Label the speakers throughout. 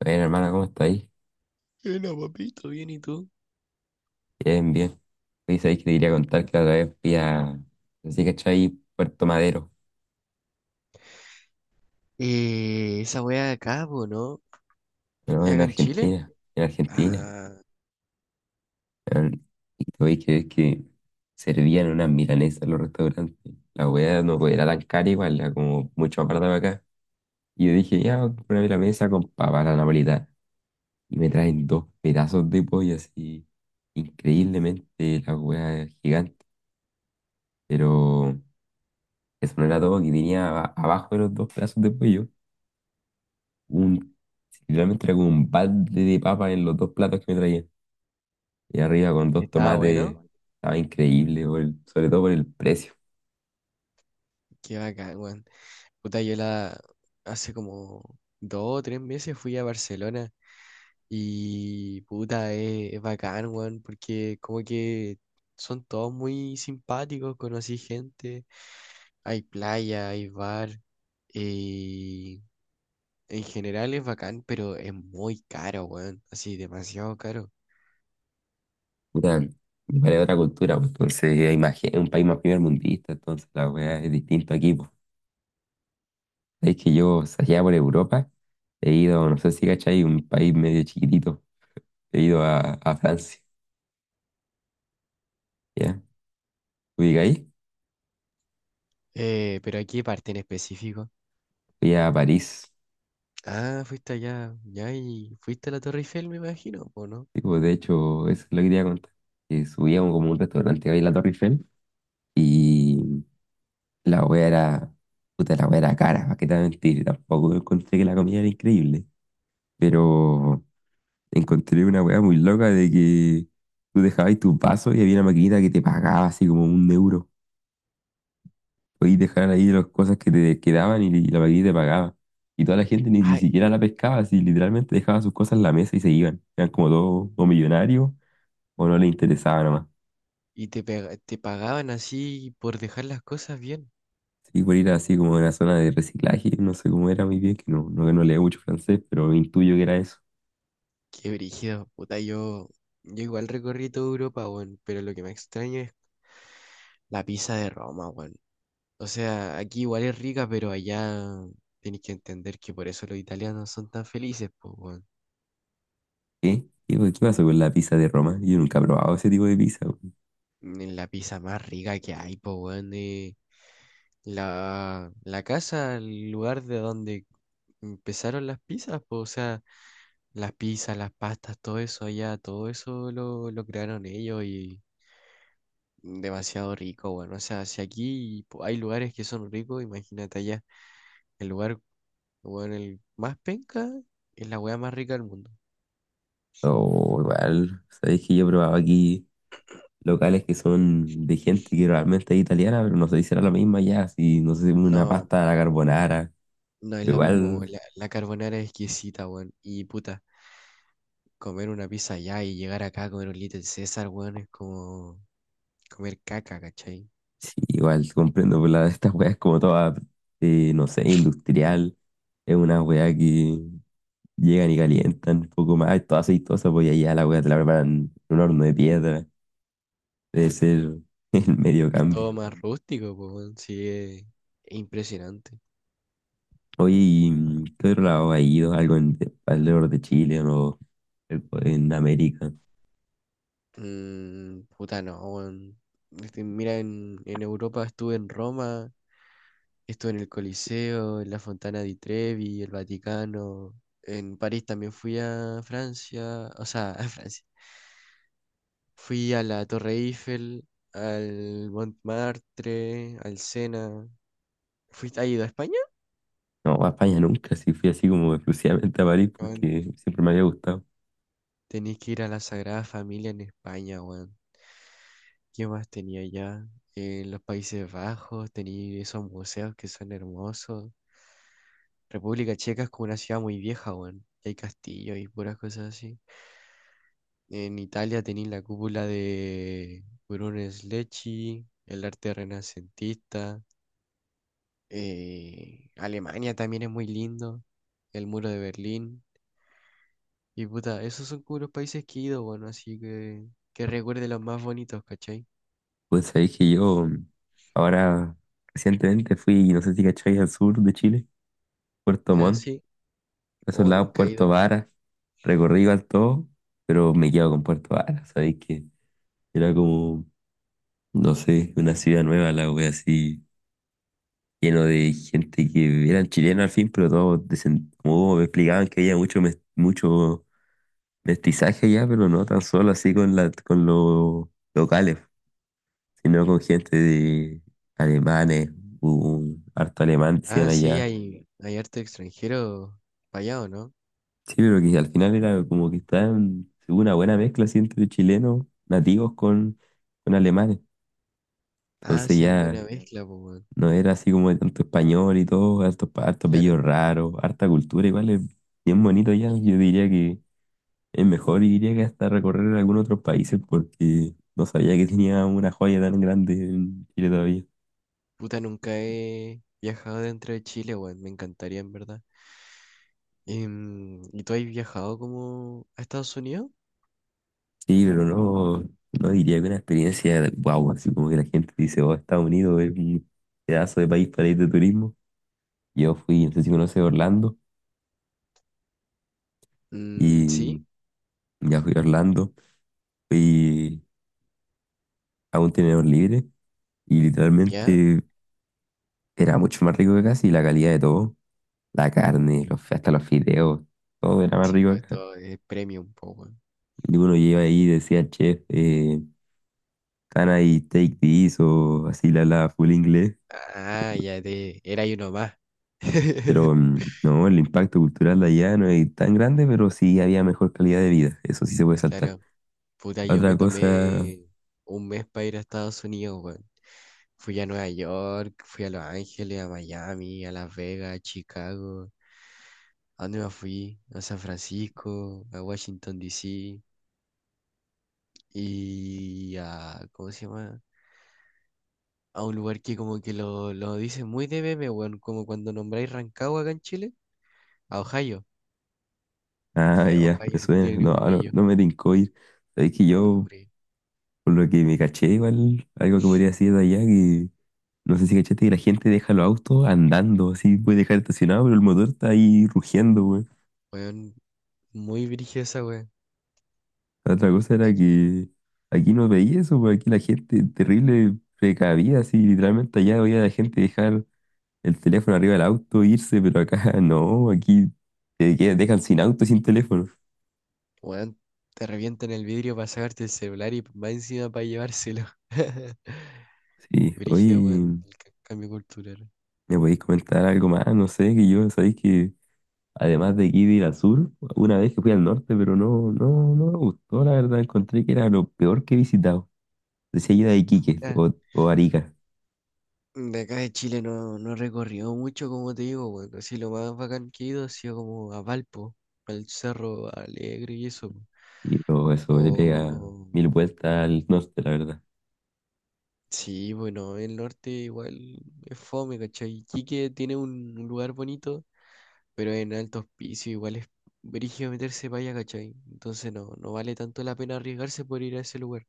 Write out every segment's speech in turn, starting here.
Speaker 1: Bueno, hermana, ¿cómo estáis?
Speaker 2: Hola, papito, bien, ¿y tú?
Speaker 1: Bien, bien. Hoy sabéis que te quería contar que la otra vez fui a, así que ahí Puerto Madero,
Speaker 2: Esa wea de acá, po, ¿no?
Speaker 1: ¿no?
Speaker 2: ¿Es
Speaker 1: En
Speaker 2: acá en Chile?
Speaker 1: Argentina, en Argentina.
Speaker 2: Ah,
Speaker 1: Weón. Y te voy a creer que servían unas milanesas en los restaurantes. La hueá no era tan cara igual, era como mucho más barata que acá. Y yo dije, ya, una milanesa con papa a la napolitana. Y me traen dos pedazos de pollo así, increíblemente la hueá gigante. Pero eso no era todo, que tenía abajo de los dos pedazos de pollo. un, Literalmente era como un balde de papa en los dos platos que me traían. Y arriba con dos
Speaker 2: estaba
Speaker 1: tomates,
Speaker 2: bueno.
Speaker 1: estaba increíble, sobre todo por el precio.
Speaker 2: Qué bacán, weón. Puta, yo la hace como dos o tres meses fui a Barcelona y puta, es bacán, weón, porque como que son todos muy simpáticos, conocí gente, hay playa, hay bar, y en general es bacán, pero es muy caro, weón, así demasiado caro.
Speaker 1: Puta, y para otra cultura, pues, entonces imagínate, es un país más primermundista, entonces la weá es distinto aquí, pues. Sabéis que yo, o sea, allá por Europa, he ido, no sé si cachai, un país medio chiquitito, he ido a Francia, ¿ya? Fui ahí,
Speaker 2: Pero aquí parte en específico.
Speaker 1: fui a París.
Speaker 2: Ah, fuiste allá, ya, y fuiste a la Torre Eiffel, me imagino, ¿o no?
Speaker 1: Sí, pues, de hecho, eso es lo que quería contar. Que subía como un restaurante ahí en la Torre Eiffel, y la wea era, puta, la wea era cara, ¿para qué te voy a mentir? Tampoco encontré que la comida era increíble, pero encontré una wea muy loca de que tú dejabas tus vasos y había una maquinita que te pagaba así como un euro. Podías dejar ahí las cosas que te quedaban y la maquinita te pagaba. Y toda la gente ni
Speaker 2: Ay,
Speaker 1: siquiera la pescaba, así literalmente dejaba sus cosas en la mesa y se iban. Eran como todos o millonarios o no les interesaba nomás.
Speaker 2: y te pagaban así por dejar las cosas bien.
Speaker 1: Sí, por ir así como a una zona de reciclaje, no sé cómo era muy bien, que no leo mucho francés, pero intuyo que era eso.
Speaker 2: Qué brígido, puta, yo igual recorrí toda Europa, weón, pero lo que me extraña es la pizza de Roma, weón. O sea, aquí igual es rica, pero allá tenéis que entender que por eso los italianos son tan felices, pues, weón.
Speaker 1: ¿Qué? ¿Qué pasó con la pizza de Roma? Yo nunca he probado ese tipo de pizza. Weón.
Speaker 2: En La pizza más rica que hay, pues, weón, la casa, el lugar de donde empezaron las pizzas, pues, o sea. Las pizzas, las pastas, todo eso allá, todo eso lo crearon ellos y demasiado rico, bueno. O sea, si aquí hay lugares que son ricos, imagínate allá. El lugar, bueno, el más penca es la weá más rica del mundo.
Speaker 1: O igual, sabéis que yo he probado aquí locales que son de gente que realmente es italiana, pero no sé si será la misma ya, si no sé, una
Speaker 2: No,
Speaker 1: pasta a la carbonara.
Speaker 2: no es
Speaker 1: Pero
Speaker 2: lo mismo.
Speaker 1: igual,
Speaker 2: La carbonara es exquisita, weón. Y puta, comer una pizza allá y llegar acá a comer un Little César, weón, es como comer caca, ¿cachai?
Speaker 1: sí, igual comprendo, estas weas como toda, no sé, industrial. Es una wea que llegan y calientan un poco más, toda aceitosa, pues, y allá la wea te la preparan en un horno de piedra. Debe ser el medio
Speaker 2: Es
Speaker 1: cambio.
Speaker 2: todo más rústico, po, weón. Sí, es impresionante.
Speaker 1: Oye, ¿y qué otro lado ha ido? ¿Algo en, alrededor de Chile o en América?
Speaker 2: Mm, puta, no, weón. Este, mira, en Europa estuve en Roma, estuve en el Coliseo, en la Fontana di Trevi, el Vaticano. En París también fui a Francia, o sea, a Francia. Fui a la Torre Eiffel, al Montmartre, al Sena. ¿Fuiste, has ido a España?
Speaker 1: No, a España nunca, sí fui así como exclusivamente a París
Speaker 2: Weón,
Speaker 1: porque siempre me había gustado.
Speaker 2: tenés que ir a la Sagrada Familia en España, weón. ¿Qué más tenía allá? En los Países Bajos tenía esos museos que son hermosos. República Checa es como una ciudad muy vieja, weón. Y hay castillos y puras cosas así. En Italia tenéis la cúpula de Brunelleschi, Lecce, el arte renacentista. Alemania también es muy lindo, el muro de Berlín. Y puta, esos son como los países que he ido, bueno, así que recuerde los más bonitos, ¿cachai?
Speaker 1: Pues sabéis que yo, ahora recientemente fui, no sé si cacháis, al sur de Chile, Puerto
Speaker 2: Ya
Speaker 1: Montt,
Speaker 2: sí,
Speaker 1: a esos
Speaker 2: o
Speaker 1: lados,
Speaker 2: nunca he
Speaker 1: Puerto
Speaker 2: ido.
Speaker 1: Varas. Recorrí igual todo, pero me quedo con Puerto Varas, sabéis que era como, no sé, una ciudad nueva, la wea así lleno de gente que eran chilenos al fin, pero todos como me explicaban que había mucho mestizaje allá, pero no tan solo así con los locales, sino con gente de alemanes, hubo un harto alemán, decían
Speaker 2: Ah, sí,
Speaker 1: allá.
Speaker 2: hay arte extranjero para allá, ¿o no?
Speaker 1: Sí, pero que al final era como que estaban, hubo una buena mezcla así entre chilenos nativos con alemanes.
Speaker 2: Ah,
Speaker 1: Entonces
Speaker 2: sean
Speaker 1: ya
Speaker 2: buena mezcla, pues, weón,
Speaker 1: no era así como de tanto español y todo, harto, harto apellido
Speaker 2: claro.
Speaker 1: raro, harta cultura, igual es bien bonito, ya,
Speaker 2: Y,
Speaker 1: yo diría que es mejor iría que hasta recorrer algún otro país porque no sabía que tenía una joya tan grande en Chile todavía.
Speaker 2: Puta, nunca he viajado dentro de Chile, weón. Me encantaría, en verdad. Em, ¿y tú has viajado como a Estados Unidos?
Speaker 1: Sí, pero no, diría que una experiencia wow, así como que la gente dice, oh, Estados Unidos es un pedazo de país para ir de turismo. Yo fui, no sé si conoces Orlando,
Speaker 2: Mm,
Speaker 1: y
Speaker 2: sí,
Speaker 1: ya fui a Orlando, fui a un tenedor libre y
Speaker 2: ya.
Speaker 1: literalmente era mucho más rico que acá, y la calidad de todo, la carne, los, hasta los fideos, todo era más
Speaker 2: Sí,
Speaker 1: rico
Speaker 2: pues
Speaker 1: acá.
Speaker 2: esto es premium, po, weón.
Speaker 1: Y uno lleva ahí y decía, chef, Can I take this, o así la full inglés.
Speaker 2: Ah, ya te. Era y uno más.
Speaker 1: Pero no, el impacto cultural de allá no es tan grande, pero sí había mejor calidad de vida. Eso sí se puede saltar.
Speaker 2: Claro. Puta, yo me
Speaker 1: Otra cosa,
Speaker 2: tomé un mes para ir a Estados Unidos, weón. Fui a Nueva York, fui a Los Ángeles, a Miami, a Las Vegas, a Chicago. ¿A dónde más fui? A San Francisco, a Washington, D.C. y a, ¿cómo se llama? A un lugar que como que lo dicen muy de meme, weón, como cuando nombráis Rancagua acá en Chile, a Ohio.
Speaker 1: ah,
Speaker 2: Feo,
Speaker 1: ya, me
Speaker 2: Ohio, no
Speaker 1: suena.
Speaker 2: tiene ni
Speaker 1: No,
Speaker 2: un
Speaker 1: no,
Speaker 2: brillo.
Speaker 1: no me tincó ir. Es que
Speaker 2: No, ni un
Speaker 1: yo,
Speaker 2: brillo.
Speaker 1: por lo que me caché, igual, algo que podría decir de allá, que no sé si cachaste que la gente deja los autos andando, así puede dejar estacionado, pero el motor está ahí rugiendo.
Speaker 2: Weón, muy brillosa, esa weón.
Speaker 1: La otra cosa
Speaker 2: Ay,
Speaker 1: era que aquí no veía eso, porque aquí la gente terrible precavida, así literalmente allá veía a la gente dejar el teléfono arriba del auto, irse, pero acá no, aquí dejan sin auto, sin teléfono.
Speaker 2: weón, te revientan el vidrio para sacarte el celular y va encima para llevárselo.
Speaker 1: Sí,
Speaker 2: Brígido, weón,
Speaker 1: oye,
Speaker 2: el cambio cultural.
Speaker 1: ¿me podéis comentar algo más? No sé, que yo, sabéis que además de aquí de ir al sur, una vez que fui al norte, pero no me gustó, la verdad, encontré que era lo peor que he visitado. Decía yo de Iquique o Arica,
Speaker 2: De acá de Chile no, no he recorrido mucho, como te digo, bueno, así lo más bacán que he ido ha sido como a Valpo, al Cerro Alegre y eso, pues.
Speaker 1: y todo eso le pega
Speaker 2: O
Speaker 1: mil vueltas al norte, la verdad.
Speaker 2: sí, bueno, el norte igual es fome, ¿cachai? Iquique tiene un lugar bonito, pero en altos pisos igual es brígido meterse para allá, ¿cachai? Entonces no, no vale tanto la pena arriesgarse por ir a ese lugar.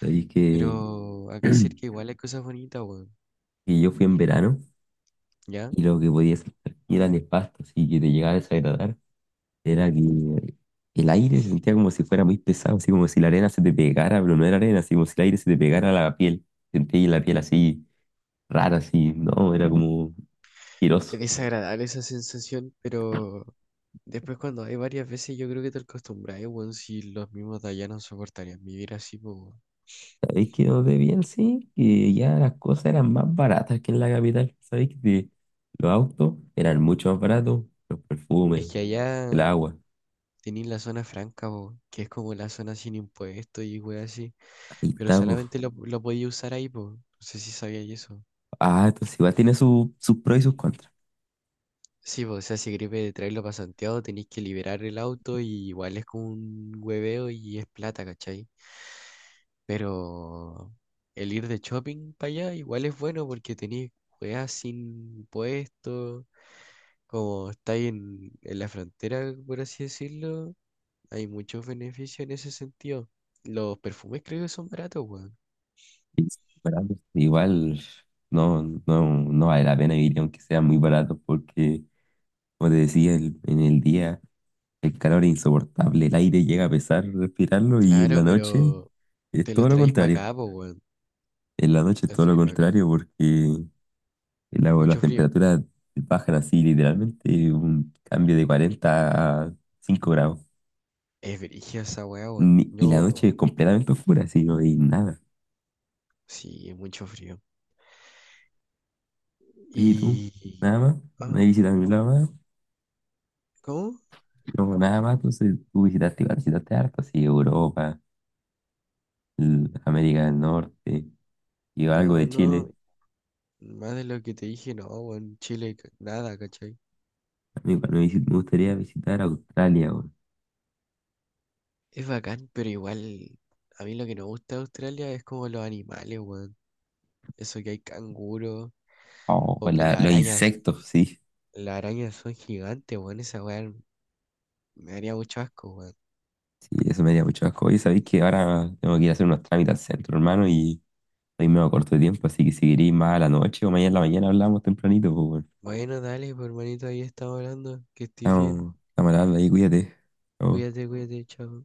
Speaker 1: Sabéis que,
Speaker 2: Pero acá cerca igual hay cosas bonitas, bueno,
Speaker 1: que yo fui en verano
Speaker 2: ¿ya?
Speaker 1: y lo que podía sentir era nefasto, así que te llegaba a desagradar. Era que el aire se sentía como si fuera muy pesado, así como si la arena se te pegara, pero no era arena, así como si el aire se te pegara a la piel. Sentía la piel así rara, así, no, era como
Speaker 2: Es
Speaker 1: asqueroso.
Speaker 2: desagradable esa sensación, pero después cuando hay varias veces yo creo que te acostumbras, weón, si los mismos de allá no soportarían vivir así, po, weón.
Speaker 1: ¿Sabéis que donde bien sí? Que ya las cosas eran más baratas que en la capital. ¿Sabéis que los autos eran mucho más baratos? Los
Speaker 2: Es
Speaker 1: perfumes,
Speaker 2: que
Speaker 1: el
Speaker 2: allá
Speaker 1: agua.
Speaker 2: tenéis la zona franca, po, que es como la zona sin impuestos y weón así,
Speaker 1: Ahí
Speaker 2: pero
Speaker 1: está, pues.
Speaker 2: solamente lo podía usar ahí, po. No sé si sabíais eso.
Speaker 1: Ah, entonces igual tiene sus pros y sus contras.
Speaker 2: Sí, po, o sea, si gripe traerlo para Santiago tenéis que liberar el auto y igual es como un hueveo y es plata, ¿cachai? Pero el ir de shopping para allá igual es bueno porque tenéis weas sin impuestos. Como está ahí en la frontera, por así decirlo, hay muchos beneficios en ese sentido. Los perfumes creo que son baratos, weón.
Speaker 1: Pero, pues, igual no vale la pena vivir aunque sea muy barato porque, como te decía, en el día el calor es insoportable, el aire llega a pesar respirarlo y en
Speaker 2: Claro,
Speaker 1: la noche
Speaker 2: pero
Speaker 1: es
Speaker 2: te los
Speaker 1: todo lo
Speaker 2: traéis para
Speaker 1: contrario.
Speaker 2: acá, pues, weón.
Speaker 1: En la noche es
Speaker 2: Te los
Speaker 1: todo lo
Speaker 2: traéis para acá.
Speaker 1: contrario porque las
Speaker 2: Mucho frío.
Speaker 1: temperaturas bajan así literalmente un cambio de 40 a 5 grados.
Speaker 2: Es brígida esa weá, weón.
Speaker 1: Y la noche es completamente oscura, así no hay nada.
Speaker 2: Sí, es mucho frío.
Speaker 1: Oye, ¿y tú?
Speaker 2: Y...
Speaker 1: ¿Nada más?
Speaker 2: ah,
Speaker 1: ¿No hay visita a ningún lado?
Speaker 2: ¿cómo?
Speaker 1: No, nada más, entonces tú visitaste harto, así Europa, América del Norte, y algo
Speaker 2: No,
Speaker 1: de Chile.
Speaker 2: no, más de lo que te dije, no, weón. Chile, ca- nada, ¿cachai?
Speaker 1: A mí igual me gustaría visitar Australia, weón.
Speaker 2: Es bacán, pero igual, a mí lo que no me gusta de Australia es como los animales, weón. Eso que hay canguros.
Speaker 1: Oh,
Speaker 2: O
Speaker 1: pues
Speaker 2: que
Speaker 1: los insectos, sí.
Speaker 2: las arañas son gigantes, weón. Esa weá me haría mucho asco, weón.
Speaker 1: Sí, eso me haría mucho asco. Y sabéis que ahora tengo que ir a hacer unos trámites al centro, hermano, y estoy medio corto de tiempo, así que si queréis más a la noche o mañana en la mañana hablamos tempranito, pues, weón.
Speaker 2: Bueno, dale, pues, hermanito, ahí estamos hablando. Que estés bien.
Speaker 1: Estamos hablando ahí, cuídate. Chao.
Speaker 2: Cuídate, cuídate, chao.